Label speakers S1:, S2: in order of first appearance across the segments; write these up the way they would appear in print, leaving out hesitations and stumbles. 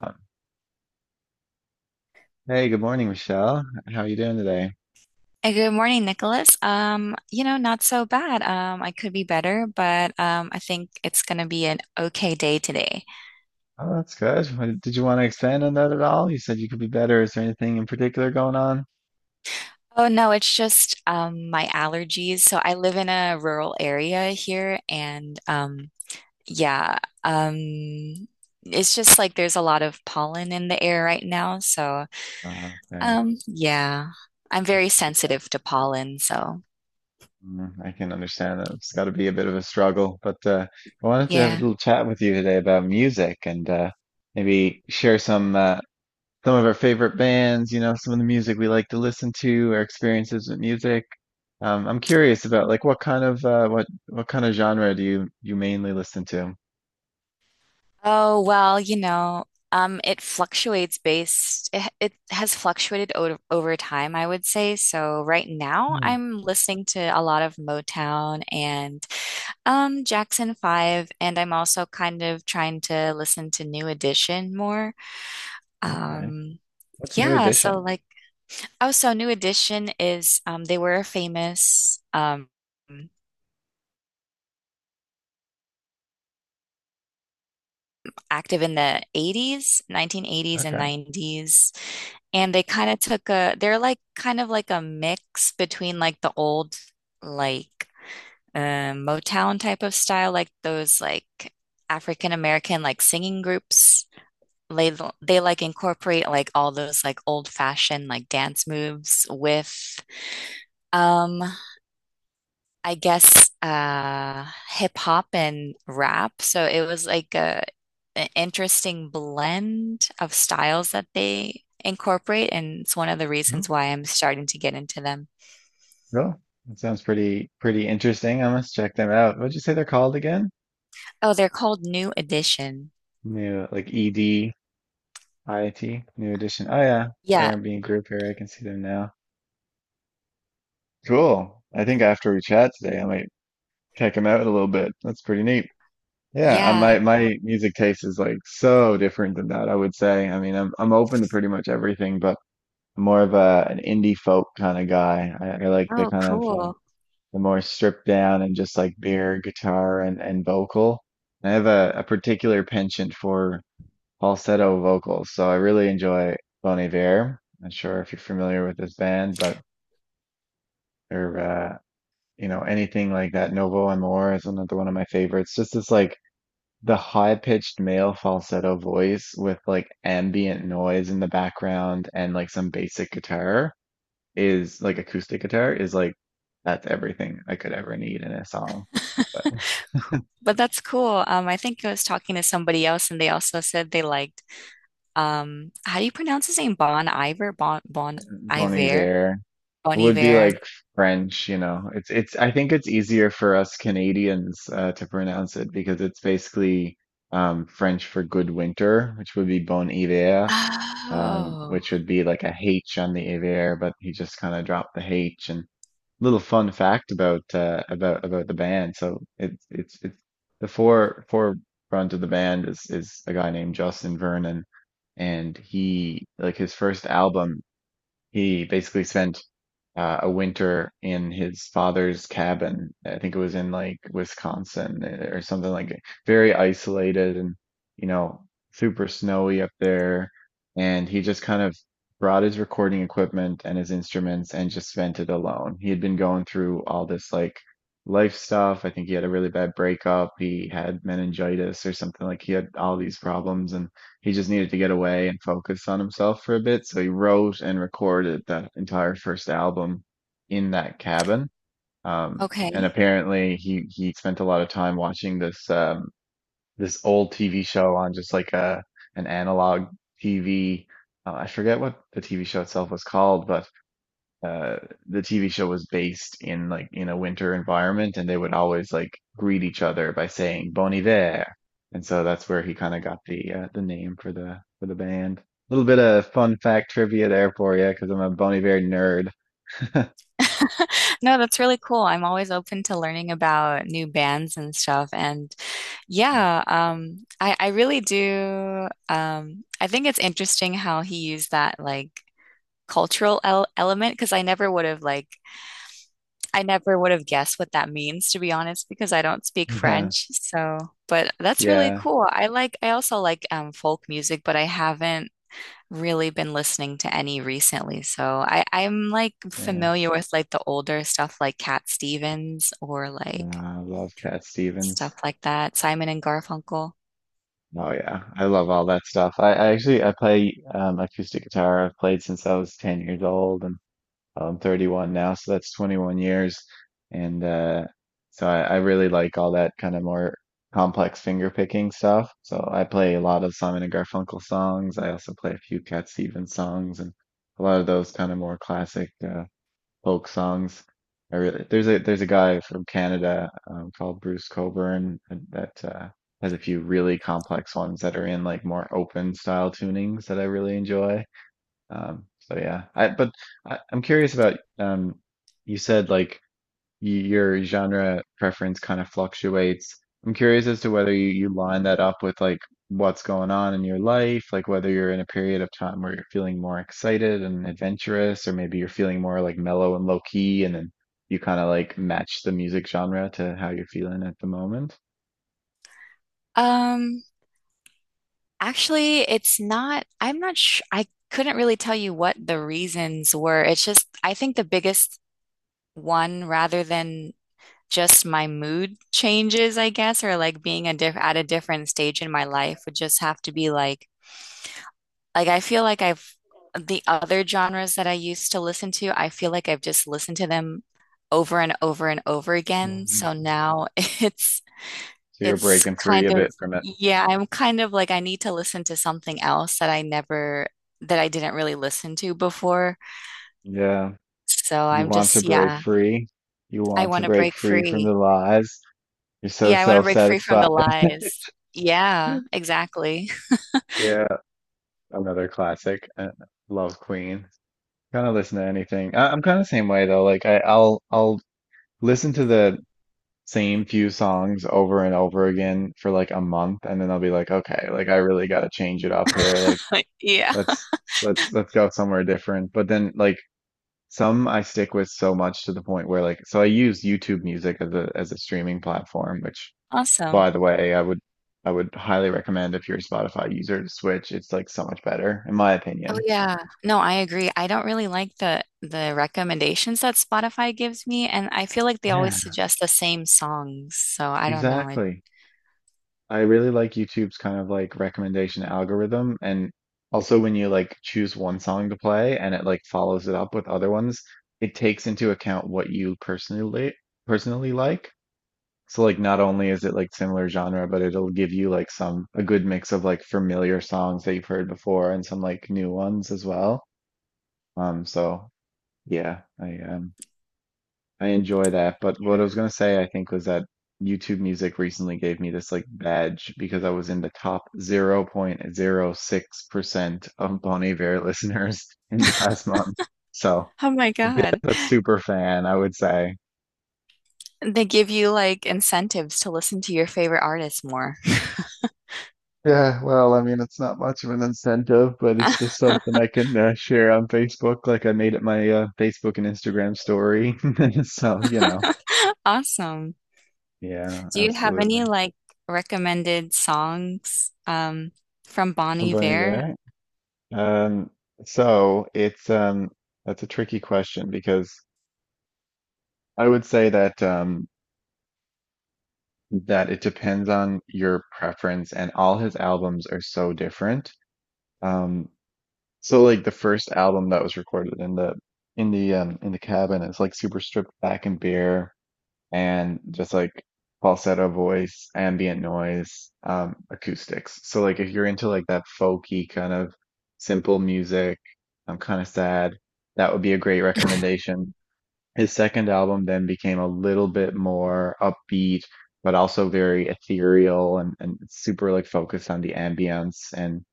S1: Uh, Hey, good morning, Michelle. How are you doing today?
S2: Good morning, Nicholas. Not so bad. I could be better, but I think it's gonna be an okay day today.
S1: Oh, that's good. What- Did you want to expand on that at all? You said you could be better. Is there anything in particular going on?
S2: Oh no, it's just my allergies. So I live in a rural area here, and yeah, um, it's just like there's a lot of pollen in the air right now. So
S1: Okay,
S2: um, yeah, I'm very
S1: that's too bad.
S2: sensitive to pollen. So
S1: Mm, I can understand that. It's got to be a bit of a struggle, but I wanted to have a
S2: yeah.
S1: little chat with you today about music and maybe share some some of our favorite bands. You know, some of the music we like to listen to, our experiences with music. I'm curious about like what kind of what kind of genre do you mainly listen to?
S2: Oh, well, it fluctuates it has fluctuated o over time, I would say. So right now I'm listening to a lot of Motown and Jackson 5, and I'm also kind of trying to listen to New Edition more.
S1: Okay.
S2: Um,
S1: What's New
S2: yeah,
S1: Edition?
S2: oh, so New Edition is, they were famous. Active in the 80s, 1980s and
S1: Okay.
S2: 90s. And they're like kind of like a mix between like the old, like Motown type of style, like those like African American like singing groups. They they like incorporate like all those like old fashioned like dance moves with um I guess hip hop and rap. So it was like a an interesting blend of styles that they incorporate, and it's one of the
S1: Hmm?
S2: reasons why I'm starting to get into them.
S1: Cool. That sounds pretty interesting. I must check them out. What'd you say they're called again?
S2: Oh, they're called New Edition.
S1: New like E D I T, New Edition. Oh yeah.
S2: Yeah,
S1: R&B group here. I can see them now. Cool. I think after we chat today, I might check them out a little bit. That's pretty neat. Yeah,
S2: yeah.
S1: my my music taste is like so different than that, I would say. I mean, I'm open to pretty much everything, but I'm more of a an indie folk kind of guy. I like the
S2: Oh,
S1: kind of
S2: cool.
S1: the more stripped down and just like bare guitar and vocal. I have a particular penchant for falsetto vocals, so I really enjoy Bon Iver. Not sure if you're familiar with this band, but or you know anything like that. Novo Amor is another one of my favorites. Just this like the high-pitched male falsetto voice with like ambient noise in the background and like some basic guitar is like acoustic guitar is like that's everything I could ever need in a song. But
S2: But that's cool. I think I was talking to somebody else, and they also said they liked how do you pronounce his name? Bon Iver, Bon
S1: Bon
S2: Iver,
S1: Iver
S2: Bon
S1: would be
S2: Iver.
S1: like French, you know. It's I think it's easier for us Canadians to pronounce it because it's basically French for good winter, which would be Bon Hiver,
S2: Oh,
S1: which would be like a H on the Iver, but he just kind of dropped the H. And little fun fact about about the band. So it's the four four front of the band is a guy named Justin Vernon, and he like his first album he basically spent a winter in his father's cabin. I think it was in like Wisconsin eh, or something like very isolated and, you know, super snowy up there. And he just kind of brought his recording equipment and his instruments and just spent it alone. He had been going through all this like life stuff. I think he had a really bad breakup. He had meningitis or something like he had all these problems and he just needed to get away and focus on himself for a bit. So he wrote and recorded that entire first album in that cabin. And
S2: okay.
S1: apparently he spent a lot of time watching this, this old TV show on just like an analog TV. I forget what the TV show itself was called, but uh the TV show was based in like in a winter environment and they would always like greet each other by saying Bon Iver. And so that's where he kind of got the name for the band. A little bit of fun fact trivia there for you because I'm a Bon Iver nerd.
S2: No, that's really cool. I'm always open to learning about new bands and stuff. And yeah, I really do. I think it's interesting how he used that like cultural el element because I never would have like I never would have guessed what that means to be honest because I don't speak
S1: Yeah,
S2: French. So, but that's really
S1: yeah,
S2: cool. I like I also like folk music, but I haven't really been listening to any recently. So I, I'm like
S1: yeah.
S2: familiar with like the older stuff like Cat Stevens or like
S1: Nah, I love Cat
S2: stuff
S1: Stevens.
S2: like that, Simon and Garfunkel.
S1: Oh yeah, I love all that stuff. I actually I play acoustic guitar. I've played since I was 10 years old and I'm 31 now, so that's 21 years. And so I really like all that kind of more complex finger picking stuff. So I play a lot of Simon and Garfunkel songs. I also play a few Cat Stevens songs and a lot of those kind of more classic folk songs. I really There's a guy from Canada called Bruce Coburn that has a few really complex ones that are in like more open style tunings that I really enjoy. Um, so yeah, I but I'm curious about you said like y your genre preference kind of fluctuates. I'm curious as to whether you line that up with like what's going on in your life, like whether you're in a period of time where you're feeling more excited and adventurous, or maybe you're feeling more like mellow and low key, and then you kind of like match the music genre to how you're feeling at the moment.
S2: Um, Actually, it's not, I'm not sure. I couldn't really tell you what the reasons were. It's just, I think the biggest one, rather than just my mood changes, I guess, or like being a diff at a different stage in my life, would just have to be like I feel like I've the other genres that I used to listen to, I feel like I've just listened to them over and over and over again.
S1: Mm.
S2: So now it's
S1: So you're
S2: it's
S1: breaking free
S2: kind
S1: a
S2: of
S1: bit from it.
S2: yeah, I'm kind of like I need to listen to something else that I never that I didn't really listen to before.
S1: Yeah.
S2: So
S1: You
S2: I'm
S1: want to
S2: just
S1: break
S2: yeah,
S1: free. You
S2: I
S1: want to
S2: want to
S1: break
S2: break
S1: free from the
S2: free.
S1: lies. You're so
S2: Yeah, I want to break free from
S1: self-satisfied.
S2: the lies. Yeah, exactly.
S1: Yeah, another classic. Love Queen. Kind of listen to anything. I'm kind of same way though. Like I'll listen to the same few songs over and over again for like a month, and then I'll be like, okay, like I really got to change it up here. Like
S2: Yeah.
S1: let's let's go somewhere different. But then like some I stick with so much to the point where like so I use YouTube Music as a streaming platform, which
S2: Awesome.
S1: by the way, I would highly recommend if you're a Spotify user to switch. It's like so much better, in my
S2: Oh
S1: opinion.
S2: yeah. No, I agree. I don't really like the recommendations that Spotify gives me, and I feel like they always
S1: Yeah.
S2: suggest the same songs. So I don't know. It,
S1: Exactly. I really like YouTube's kind of like recommendation algorithm and also when you like choose one song to play and it like follows it up with other ones, it takes into account what you personally personally like. So like not only is it like similar genre, but it'll give you like some a good mix of like familiar songs that you've heard before and some like new ones as well. Um, so yeah, I um I enjoy that. But what I was gonna say, I think, was that YouTube Music recently gave me this like badge because I was in the top 0.06% of Bon Iver listeners in the past month. So
S2: oh my
S1: a bit
S2: God.
S1: of a super fan, I would say.
S2: They give you like incentives to listen to your favorite artists more.
S1: Yeah, well, I mean, it's not much of an incentive, but it's just something I can share on Facebook. Like I made it my Facebook and Instagram story. So, you know,
S2: Awesome.
S1: yeah,
S2: Do you have any
S1: absolutely.
S2: like recommended songs from Bon
S1: Somebody
S2: Iver?
S1: Bear. Um, so it's That's a tricky question because I would say that that it depends on your preference and all his albums are so different. Um, so like the first album that was recorded in the cabin is like super stripped back and bare and just like falsetto voice, ambient noise, acoustics. So like if you're into like that folky kind of simple music, I'm kind of sad, that would be a great recommendation. His second album then became a little bit more upbeat, but also very ethereal and super like focused on the ambience and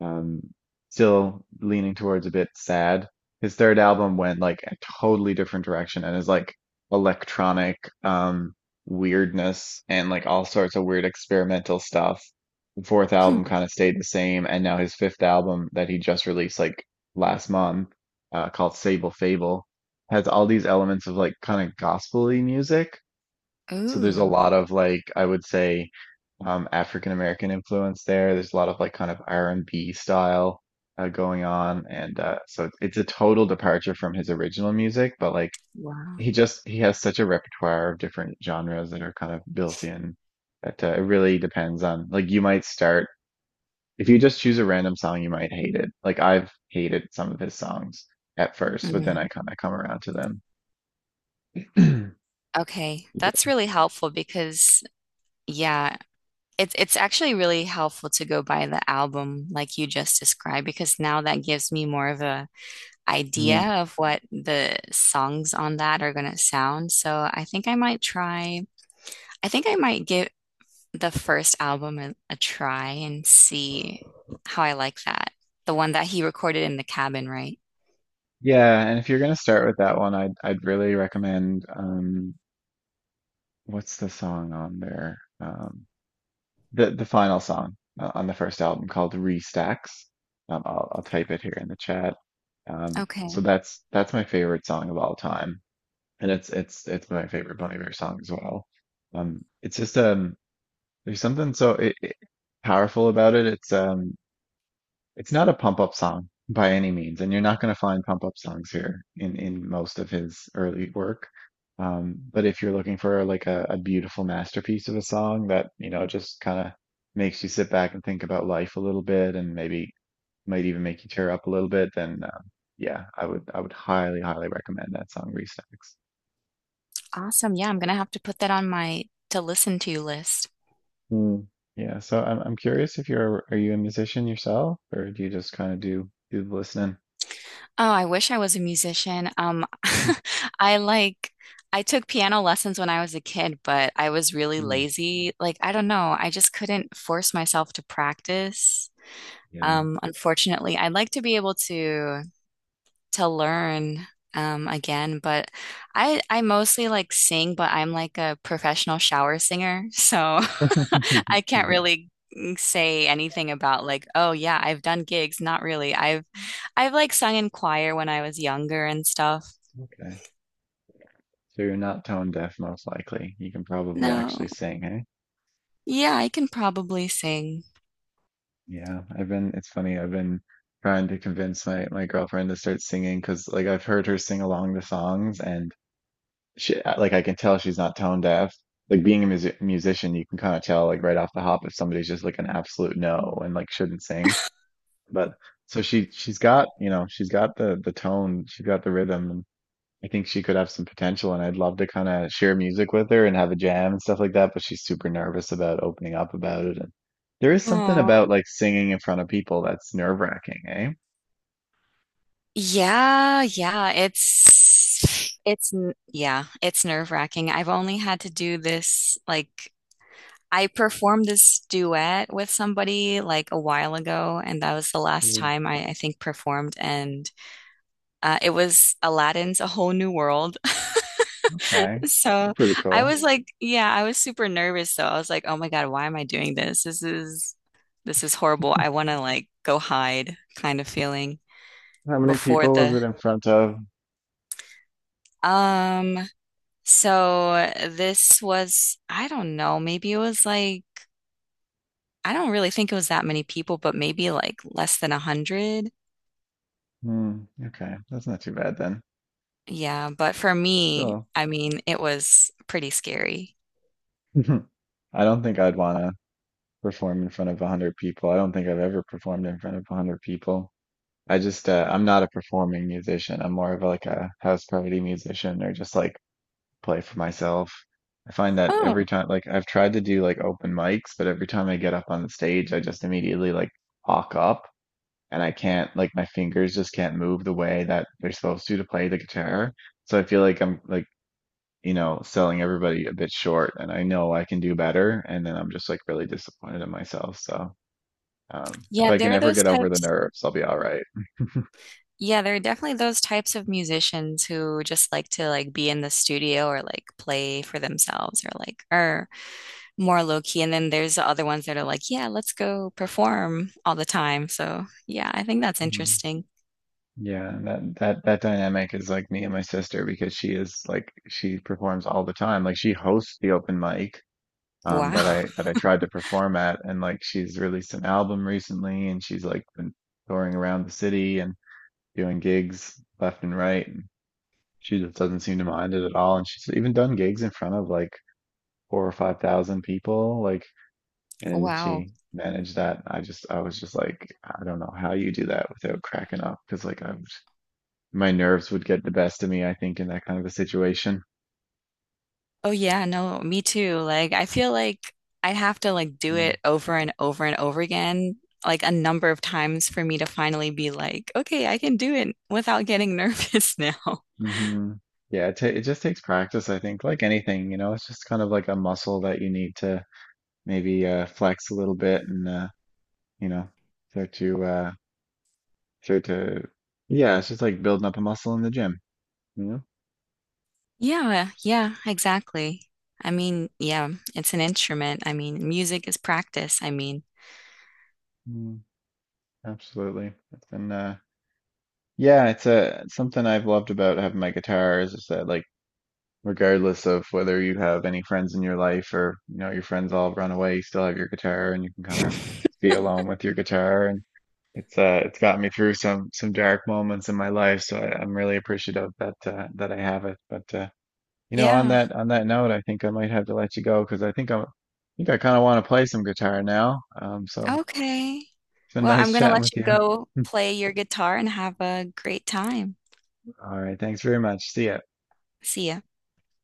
S1: um, still leaning towards a bit sad. His third album went like a totally different direction and is like electronic um, weirdness and like all sorts of weird experimental stuff. The fourth album
S2: Hmm.
S1: kind of stayed the same, and now his fifth album that he just released like last month, called Sable Fable has all these elements of like kind of gospely music. So there's a
S2: Ooh,
S1: lot of like I would say African American influence there. There's a lot of like kind of R&B style going on, and so it's a total departure from his original music. But like
S2: wow.
S1: he just he has such a repertoire of different genres that are kind of built in that it really depends on like you might start if you just choose a random song you might hate it. Like I've hated some of his songs at first, but then
S2: Mm.
S1: I kind of come around to them.
S2: Okay, that's really helpful because yeah, it's actually really helpful to go by the album like you just described because now that gives me more of a idea of what the songs on that are gonna sound. So I think I might try. I think I might give the first album a try and see how I like that. The one that he recorded in the cabin, right?
S1: Yeah, and if you're gonna start with that one, I'd really recommend what's the song on there? The final song on the first album called Restacks. I'll type it here in the chat. So
S2: Okay.
S1: that's my favorite song of all time. And it's my favorite Bon Iver song as well. It's just there's something so powerful about it. It's not a pump up song by any means, and you're not going to find pump up songs here in most of his early work. But if you're looking for like a beautiful masterpiece of a song that, you know, just kind of makes you sit back and think about life a little bit and maybe might even make you tear up a little bit, then yeah, I would highly, highly recommend that song Restacks.
S2: Awesome. Yeah, I'm gonna have to put that on my to listen to list.
S1: Hmm. Yeah, so I'm curious if you're are you a musician yourself or do you just kind of do the listening?
S2: Oh, I wish I was a musician. I like I took piano lessons when I was a kid, but I was really
S1: Hmm.
S2: lazy. Like, I don't know, I just couldn't force myself to practice.
S1: Yeah.
S2: Unfortunately, I'd like to be able to learn again, but I mostly like sing, but I'm like a professional shower singer, so I can't really say anything about like, oh yeah, I've done gigs. Not really. I've like sung in choir when I was younger and stuff.
S1: Okay. So you're not tone deaf, most likely. You can probably
S2: No.
S1: actually sing, eh?
S2: Yeah, I can probably sing.
S1: Yeah. I've been, it's funny, I've been trying to convince my girlfriend to start singing because like I've heard her sing along the songs and she like I can tell she's not tone deaf. Like being a musician, you can kind of tell like right off the hop if somebody's just like an absolute no and like shouldn't sing. But so she's got, you know, she's got the tone, she's got the rhythm. I think she could have some potential, and I'd love to kind of share music with her and have a jam and stuff like that, but she's super nervous about opening up about it. And there is something
S2: Oh.
S1: about like singing in front of people that's nerve-wracking, eh?
S2: Yeah, yeah, yeah, it's nerve-wracking. I've only had to do this like I performed this duet with somebody like a while ago, and that was the last
S1: Mm.
S2: time I think performed, and it was Aladdin's A Whole New World.
S1: Okay.
S2: So
S1: Pretty
S2: I
S1: cool.
S2: was like, yeah, I was super nervous though. I was like, oh my God, why am I doing this? This is horrible. I want to like go hide kind of feeling
S1: How many
S2: before
S1: people was
S2: the
S1: it in front of?
S2: um so this was I don't know, maybe it was like I don't really think it was that many people, but maybe like less than 100.
S1: Hmm, okay, that's not too bad then.
S2: Yeah, but for me,
S1: Still,
S2: I mean, it was pretty scary.
S1: I don't think I'd want to perform in front of 100 people. I don't think I've ever performed in front of 100 people. I just I'm not a performing musician. I'm more of like a house party musician or just like play for myself. I find that every
S2: Oh,
S1: time like I've tried to do like open mics, but every time I get up on the stage, I just immediately like hawk up, and I can't like my fingers just can't move the way that they're supposed to play the guitar. So I feel like I'm like, you know, selling everybody a bit short, and I know I can do better and then I'm just like really disappointed in myself. So if
S2: yeah,
S1: I can
S2: there are
S1: ever
S2: those
S1: get over the
S2: types.
S1: nerves, I'll be all right.
S2: Yeah, there are definitely those types of musicians who just like to like be in the studio or like play for themselves or like are more low key. And then there's the other ones that are like, yeah, let's go perform all the time. So yeah, I think that's interesting.
S1: Yeah, that dynamic is like me and my sister because she is like she performs all the time. Like she hosts the open mic
S2: Wow.
S1: that I tried to perform at, and like she's released an album recently and she's like been touring around the city and doing gigs left and right, and she just doesn't seem to mind it at all, and she's even done gigs in front of like 4 or 5 thousand people like and
S2: Wow.
S1: she managed that. I was just like I don't know how you do that without cracking up because like I was, my nerves would get the best of me, I think, in that kind of a situation.
S2: Oh yeah, no, me too. Like I feel like I'd have to like do it over and over and over again, like a number of times for me to finally be like, okay, I can do it without getting nervous now.
S1: Mm-hmm. Yeah, it just takes practice, I think, like anything, you know, it's just kind of like a muscle that you need to maybe flex a little bit and, you know, start to, uh, start to, yeah, it's just like building up a muscle in the gym, you know?
S2: Yeah, yeah, exactly. I mean, yeah, it's an instrument. I mean, music is practice. I mean,
S1: Mm, absolutely. And uh, yeah, it's a, something I've loved about having my guitar is just that, like, regardless of whether you have any friends in your life, or you know your friends all run away, you still have your guitar and you can kind of be alone with your guitar. And it's gotten me through some dark moments in my life, so I'm really appreciative that that I have it. But you know, on
S2: yeah.
S1: that note, I think I might have to let you go because I think I'm I think I kind of want to play some guitar now so
S2: Okay.
S1: it's been
S2: Well,
S1: nice
S2: I'm gonna
S1: chatting
S2: let
S1: with
S2: you
S1: you.
S2: go play your guitar and have a great time.
S1: All right, thanks very much, see ya.
S2: See ya.